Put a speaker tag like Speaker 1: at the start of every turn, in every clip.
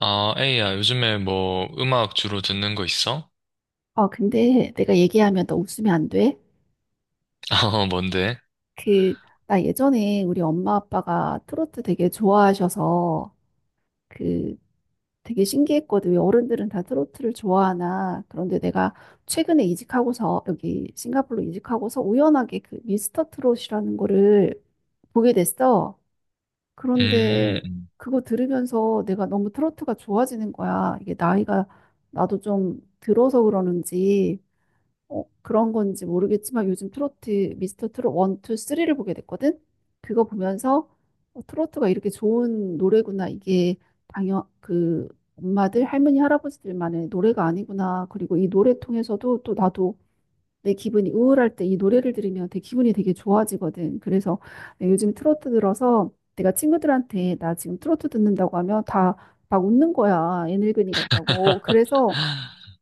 Speaker 1: 아, 에이야, 요즘에 뭐 음악 주로 듣는 거 있어?
Speaker 2: 아, 근데 내가 얘기하면 너 웃으면 안 돼?
Speaker 1: 어, 뭔데?
Speaker 2: 그, 나 예전에 우리 엄마 아빠가 트로트 되게 좋아하셔서 그 되게 신기했거든. 왜 어른들은 다 트로트를 좋아하나. 그런데 내가 최근에 이직하고서 여기 싱가포르로 이직하고서 우연하게 그 미스터 트롯이라는 거를 보게 됐어.
Speaker 1: 음.
Speaker 2: 그런데
Speaker 1: 음.
Speaker 2: 그거 들으면서 내가 너무 트로트가 좋아지는 거야. 이게 나이가 나도 좀 들어서 그러는지 그런 건지 모르겠지만 요즘 트로트 미스터 트롯 1, 2, 3를 보게 됐거든. 그거 보면서 트로트가 이렇게 좋은 노래구나. 이게 당연 엄마들, 할머니, 할아버지들만의 노래가 아니구나. 그리고 이 노래 통해서도 또 나도 내 기분이 우울할 때 이 노래를 들으면 되게 기분이 되게 좋아지거든. 그래서 내가 요즘 트로트 들어서 내가 친구들한테 나 지금 트로트 듣는다고 하면 다 막 웃는 거야. 애늙은이 같다고. 그래서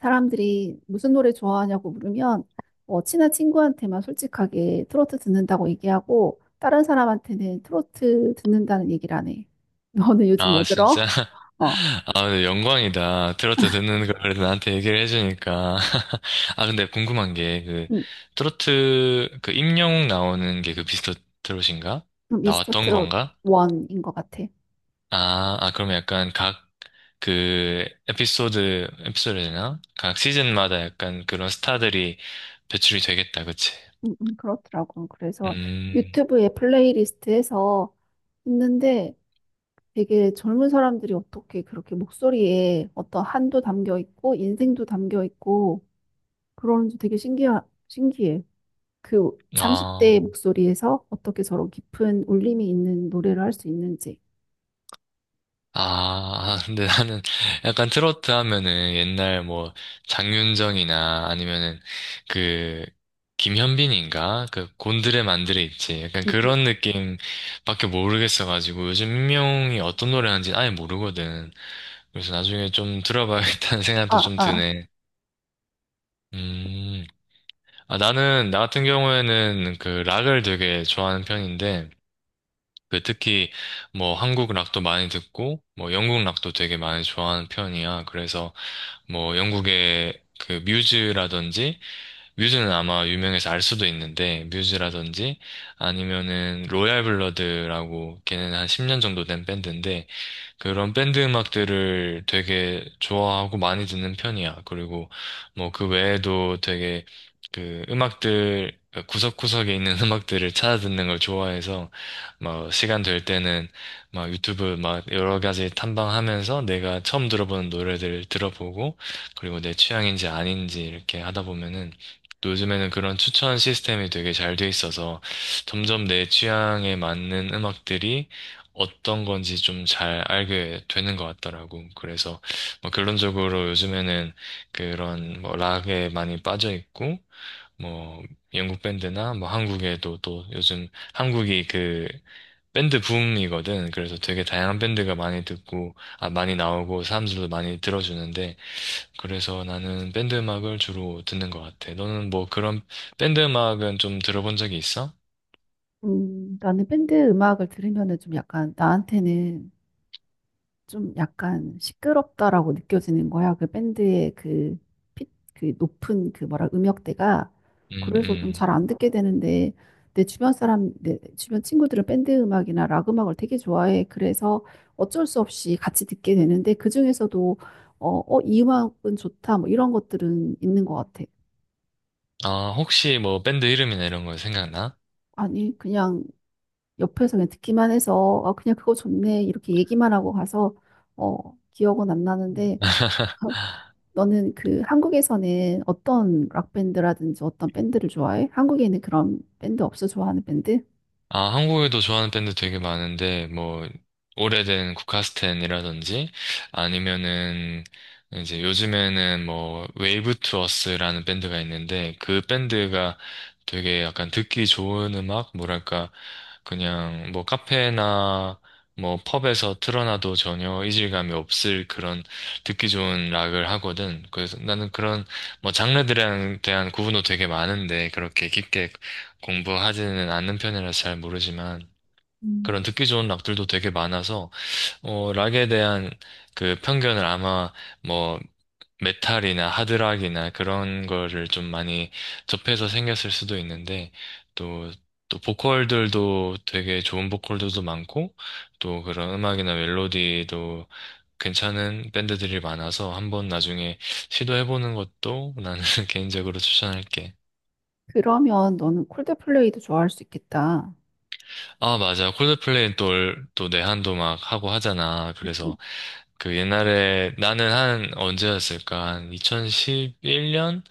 Speaker 2: 사람들이 무슨 노래 좋아하냐고 물으면 친한 친구한테만 솔직하게 트로트 듣는다고 얘기하고 다른 사람한테는 트로트 듣는다는 얘기를 안 해. 너는 요즘
Speaker 1: 아,
Speaker 2: 뭐
Speaker 1: 진짜?
Speaker 2: 들어? 어,
Speaker 1: 아, 근데 영광이다. 트로트 듣는 걸 나한테 얘기를 해주니까. 아, 근데 궁금한 게, 그,
Speaker 2: 음,
Speaker 1: 트로트, 그, 임영웅 나오는 게 그 비스트 트롯인가?
Speaker 2: 미스터
Speaker 1: 나왔던
Speaker 2: 트롯
Speaker 1: 건가?
Speaker 2: 원인 것 같아.
Speaker 1: 아, 아, 그럼 약간 각, 그, 에피소드, 에피소드 되나? 각 시즌마다 약간 그런 스타들이 배출이 되겠다, 그치?
Speaker 2: 그렇더라고. 그래서
Speaker 1: 음,
Speaker 2: 유튜브에 플레이리스트에서 있는데 되게 젊은 사람들이 어떻게 그렇게 목소리에 어떤 한도 담겨 있고 인생도 담겨 있고 그러는지 되게 신기해. 그 30대의
Speaker 1: 아,
Speaker 2: 목소리에서 어떻게 저런 깊은 울림이 있는 노래를 할 수 있는지.
Speaker 1: 아, 아, 근데 나는 약간 트로트 하면은 옛날 뭐 장윤정이나 아니면은 그 김현빈인가? 그 곤드레 만드레 있지. 약간
Speaker 2: 음, 음.
Speaker 1: 그런 느낌밖에 모르겠어가지고 요즘 민명이 어떤 노래 하는지 아예 모르거든. 그래서 나중에 좀 들어봐야겠다는 생각도
Speaker 2: 아,
Speaker 1: 좀
Speaker 2: 아.
Speaker 1: 드네. 음, 아, 나 같은 경우에는 그 락을 되게 좋아하는 편인데, 그 특히 뭐 한국 락도 많이 듣고 뭐 영국 락도 되게 많이 좋아하는 편이야. 그래서 뭐 영국의 그 뮤즈라든지 뮤즈는 아마 유명해서 알 수도 있는데 뮤즈라든지 아니면은 로얄 블러드라고 걔는 한 10년 정도 된 밴드인데 그런 밴드 음악들을 되게 좋아하고 많이 듣는 편이야. 그리고 뭐 그 외에도 되게 그 음악들 구석구석에 있는 음악들을 찾아 듣는 걸 좋아해서 막 시간 될 때는 막 유튜브 막 여러 가지 탐방하면서 내가 처음 들어보는 노래들 들어보고 그리고 내 취향인지 아닌지 이렇게 하다 보면은 또 요즘에는 그런 추천 시스템이 되게 잘 돼 있어서 점점 내 취향에 맞는 음악들이 어떤 건지 좀 잘 알게 되는 것 같더라고. 그래서 뭐 결론적으로 요즘에는 그런 뭐 락에 많이 빠져 있고 뭐 영국 밴드나 뭐 한국에도 또 요즘 한국이 그 밴드 붐이거든. 그래서 되게 다양한 밴드가 많이 듣고 아 많이 나오고 사람들도 많이 들어주는데 그래서 나는 밴드 음악을 주로 듣는 것 같아. 너는 뭐 그런 밴드 음악은 좀 들어본 적이 있어?
Speaker 2: 나는 밴드 음악을 들으면은 좀 약간 나한테는 좀 약간 시끄럽다라고 느껴지는 거야. 그 밴드의 피, 그 높은 그 뭐라 음역대가.
Speaker 1: 음,
Speaker 2: 그래서 좀 잘
Speaker 1: 음.
Speaker 2: 안 듣게 되는데 내 주변 친구들은 밴드 음악이나 락 음악을 되게 좋아해. 그래서 어쩔 수 없이 같이 듣게 되는데 그중에서도 어, 이 음악은 좋다. 뭐 이런 것들은 있는 것 같아.
Speaker 1: 아, 혹시 뭐 밴드 이름이나 이런 거 생각나?
Speaker 2: 아니, 그냥 옆에서 그냥 듣기만 해서 아, 그냥 그거 좋네. 이렇게 얘기만 하고 가서 기억은 안 나는데 너는 한국에서는 어떤 락밴드라든지 어떤 밴드를 좋아해? 한국에는 그런 밴드 없어 좋아하는 밴드?
Speaker 1: 아, 한국에도 좋아하는 밴드 되게 많은데, 뭐, 오래된 국카스텐이라든지, 아니면은, 이제 요즘에는 뭐, 웨이브 투어스라는 밴드가 있는데, 그 밴드가 되게 약간 듣기 좋은 음악? 뭐랄까, 그냥 뭐, 카페나 뭐, 펍에서 틀어놔도 전혀 이질감이 없을 그런 듣기 좋은 락을 하거든. 그래서 나는 그런 뭐, 장르들에 대한 구분도 되게 많은데, 그렇게 깊게 공부하지는 않는 편이라서 잘 모르지만 그런
Speaker 2: 음.
Speaker 1: 듣기 좋은 락들도 되게 많아서 락에 대한 그 편견을 아마 뭐 메탈이나 하드락이나 그런 거를 좀 많이 접해서 생겼을 수도 있는데 또 보컬들도 되게 좋은 보컬들도 많고 또 그런 음악이나 멜로디도 괜찮은 밴드들이 많아서 한번 나중에 시도해보는 것도 나는 개인적으로 추천할게.
Speaker 2: 그러면 너는 콜드플레이도 좋아할 수 있겠다.
Speaker 1: 아, 맞아. 콜드플레이는 또 내한도 막 하고 하잖아.
Speaker 2: 음,
Speaker 1: 그래서 그 옛날에 나는 한 언제였을까? 한 2011년?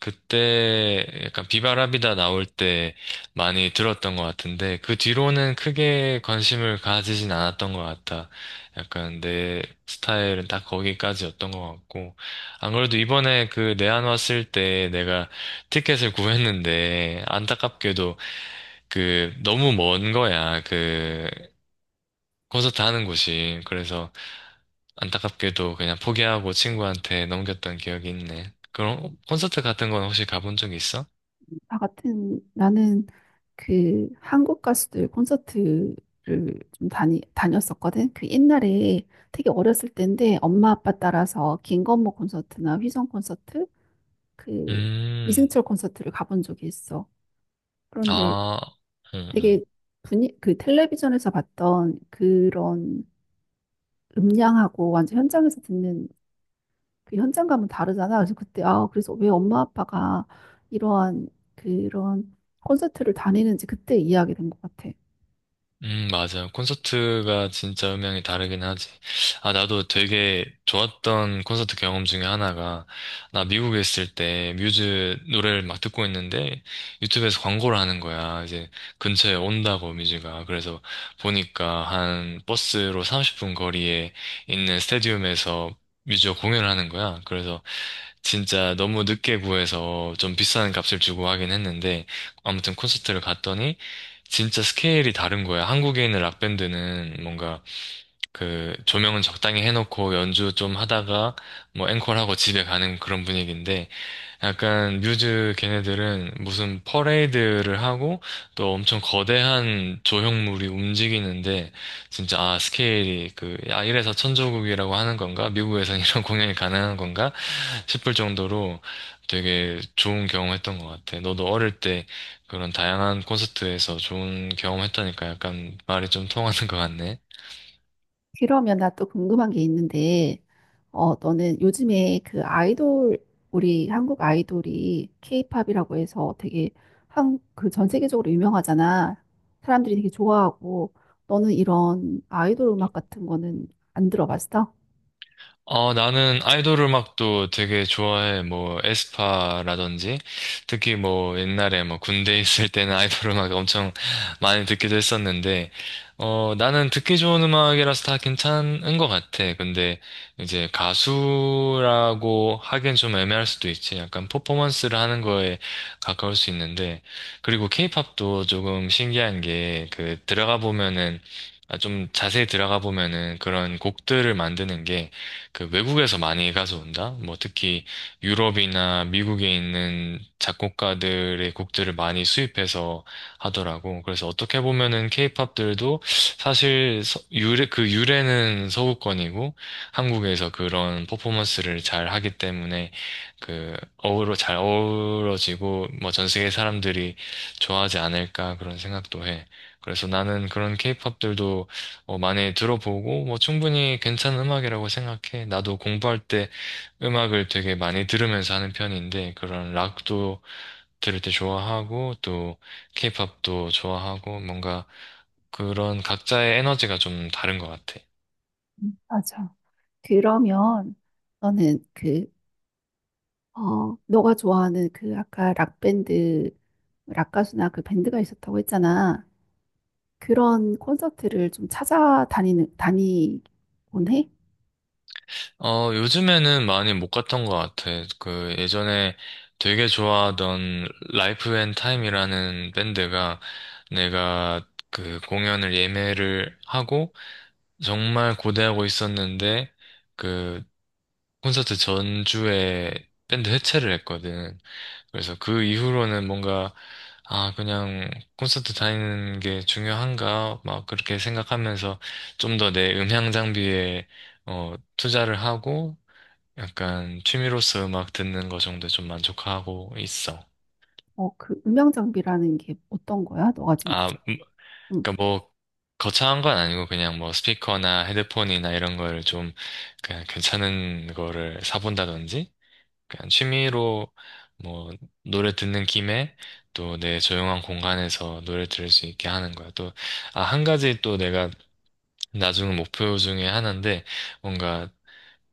Speaker 1: 그때 약간 비바람이다 나올 때 많이 들었던 것 같은데 그 뒤로는 크게 관심을 가지진 않았던 것 같아. 약간 내 스타일은 딱 거기까지였던 것 같고 안 그래도 이번에 그 내한 왔을 때 내가 티켓을 구했는데 안타깝게도 그 너무 먼 거야. 그 콘서트 하는 곳이. 그래서 안타깝게도 그냥 포기하고 친구한테 넘겼던 기억이 있네. 그럼 콘서트 같은 건 혹시 가본 적 있어?
Speaker 2: 나 같은 나는 그 한국 가수들 콘서트를 좀 다니 다녔었거든. 그 옛날에 되게 어렸을 때인데 엄마 아빠 따라서 김건모 콘서트나 휘성 콘서트, 그
Speaker 1: 음,
Speaker 2: 이승철 콘서트를 가본 적이 있어. 그런데
Speaker 1: 아, 음, 음,
Speaker 2: 되게 분위 그 텔레비전에서 봤던 그런 음량하고 완전 현장에서 듣는 그 현장감은 다르잖아. 그래서 그때 아 그래서 왜 엄마 아빠가 이러한 그런 콘서트를 다니는지 그때 이해하게 된 것 같아.
Speaker 1: 맞아요. 콘서트가 진짜 음향이 다르긴 하지. 아, 나도 되게 좋았던 콘서트 경험 중에 하나가, 나 미국에 있을 때 뮤즈 노래를 막 듣고 있는데, 유튜브에서 광고를 하는 거야. 이제 근처에 온다고 뮤즈가. 그래서 보니까 한 버스로 30분 거리에 있는 스타디움에서 뮤즈가 공연을 하는 거야. 그래서 진짜 너무 늦게 구해서 좀 비싼 값을 주고 하긴 했는데 아무튼 콘서트를 갔더니 진짜 스케일이 다른 거야. 한국에 있는 락밴드는 뭔가 그 조명은 적당히 해놓고 연주 좀 하다가 뭐 앵콜하고 집에 가는 그런 분위기인데 약간 뮤즈 걔네들은 무슨 퍼레이드를 하고 또 엄청 거대한 조형물이 움직이는데 진짜 아 스케일이 그 아 이래서 천조국이라고 하는 건가? 미국에선 이런 공연이 가능한 건가? 싶을 정도로 되게 좋은 경험했던 것 같아. 너도 어릴 때 그런 다양한 콘서트에서 좋은 경험했다니까 약간 말이 좀 통하는 것 같네.
Speaker 2: 그러면 나 또 궁금한 게 있는데, 너는 요즘에 그 아이돌, 우리 한국 아이돌이 케이팝이라고 해서 되게 한, 그 전 세계적으로 유명하잖아. 사람들이 되게 좋아하고, 너는 이런 아이돌 음악 같은 거는 안 들어봤어?
Speaker 1: 어, 나는 아이돌 음악도 되게 좋아해. 뭐, 에스파라든지. 특히 뭐, 옛날에 뭐, 군대 있을 때는 아이돌 음악 엄청 많이 듣기도 했었는데, 어, 나는 듣기 좋은 음악이라서 다 괜찮은 것 같아. 근데 이제 가수라고 하기엔 좀 애매할 수도 있지. 약간 퍼포먼스를 하는 거에 가까울 수 있는데, 그리고 케이팝도 조금 신기한 게, 그, 들어가 보면은, 아, 좀 자세히 들어가 보면은 그런 곡들을 만드는 게 그 외국에서 많이 가져온다? 뭐 특히 유럽이나 미국에 있는 작곡가들의 곡들을 많이 수입해서 하더라고. 그래서 어떻게 보면은 케이팝들도 사실 유래, 그 유래는 서구권이고 한국에서 그런 퍼포먼스를 잘 하기 때문에 그 잘 어우러지고 뭐 전 세계 사람들이 좋아하지 않을까 그런 생각도 해. 그래서 나는 그런 케이팝들도 많이 들어보고, 뭐, 충분히 괜찮은 음악이라고 생각해. 나도 공부할 때 음악을 되게 많이 들으면서 하는 편인데, 그런 락도 들을 때 좋아하고, 또, 케이팝도 좋아하고, 뭔가 그런 각자의 에너지가 좀 다른 것 같아.
Speaker 2: 맞아. 그러면 너는 너가 좋아하는 그 아까 락밴드, 락가수나 그 밴드가 있었다고 했잖아. 그런 콘서트를 좀 다니곤 해?
Speaker 1: 어, 요즘에는 많이 못 갔던 것 같아. 그, 예전에 되게 좋아하던 라이프 앤 타임이라는 밴드가 내가 그 공연을 예매를 하고, 정말 고대하고 있었는데 그 콘서트 전주에 밴드 해체를 했거든. 그래서 그 이후로는 뭔가 아 그냥 콘서트 다니는 게 중요한가 막 그렇게 생각하면서 좀 더 내 음향 장비에 투자를 하고 약간 취미로서 음악 듣는 거 정도에 좀 만족하고 있어.
Speaker 2: 그 음향 장비라는 게 어떤 거야? 너가 지금
Speaker 1: 아
Speaker 2: 주제.
Speaker 1: 그러니까
Speaker 2: 응.
Speaker 1: 뭐 거창한 건 아니고 그냥 뭐 스피커나 헤드폰이나 이런 거를 좀 그냥 괜찮은 거를 사본다든지 그냥 취미로 뭐 노래 듣는 김에 또 내 조용한 공간에서 노래 들을 수 있게 하는 거야. 또, 아, 한 가지 또 내가 나중 목표 중에 하나인데 뭔가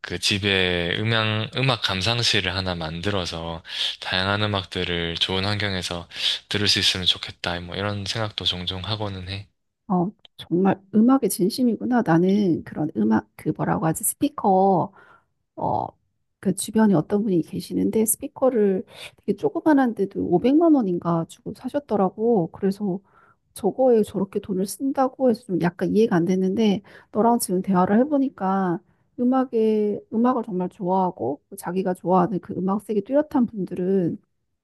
Speaker 1: 그 집에 음악 감상실을 하나 만들어서 다양한 음악들을 좋은 환경에서 들을 수 있으면 좋겠다. 뭐 이런 생각도 종종 하고는 해.
Speaker 2: 어, 정말 음악에 진심이구나. 나는 그런 음악, 그 뭐라고 하지? 스피커 어, 그 주변에 어떤 분이 계시는데 스피커를 되게 조그만한데도 500만 원인가 주고 사셨더라고. 그래서 저거에 저렇게 돈을 쓴다고 해서 좀 약간 이해가 안 됐는데 너랑 지금 대화를 해보니까 음악에 음악을 정말 좋아하고 자기가 좋아하는 그 음악색이 뚜렷한 분들은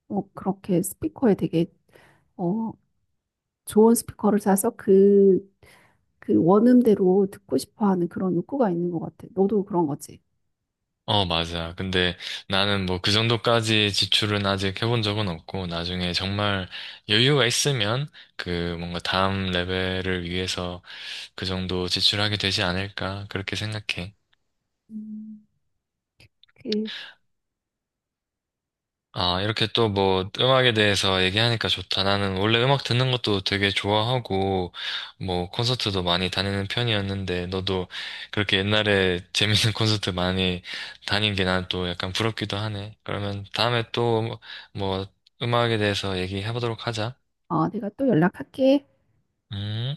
Speaker 2: 그렇게 스피커에 되게 어, 좋은 스피커를 사서 그 원음대로 듣고 싶어 하는 그런 욕구가 있는 것 같아. 너도 그런 거지.
Speaker 1: 어, 맞아. 근데 나는 뭐 그 정도까지 지출은 아직 해본 적은 없고, 나중에 정말 여유가 있으면 그 뭔가 다음 레벨을 위해서 그 정도 지출하게 되지 않을까, 그렇게 생각해.
Speaker 2: 음, 그
Speaker 1: 아, 이렇게 또 뭐 음악에 대해서 얘기하니까 좋다. 나는 원래 음악 듣는 것도 되게 좋아하고, 뭐 콘서트도 많이 다니는 편이었는데, 너도 그렇게 옛날에 재밌는 콘서트 많이 다닌 게 난 또 약간 부럽기도 하네. 그러면 다음에 또 뭐 음악에 대해서 얘기해 보도록 하자.
Speaker 2: 내가 또 연락할게.
Speaker 1: 음.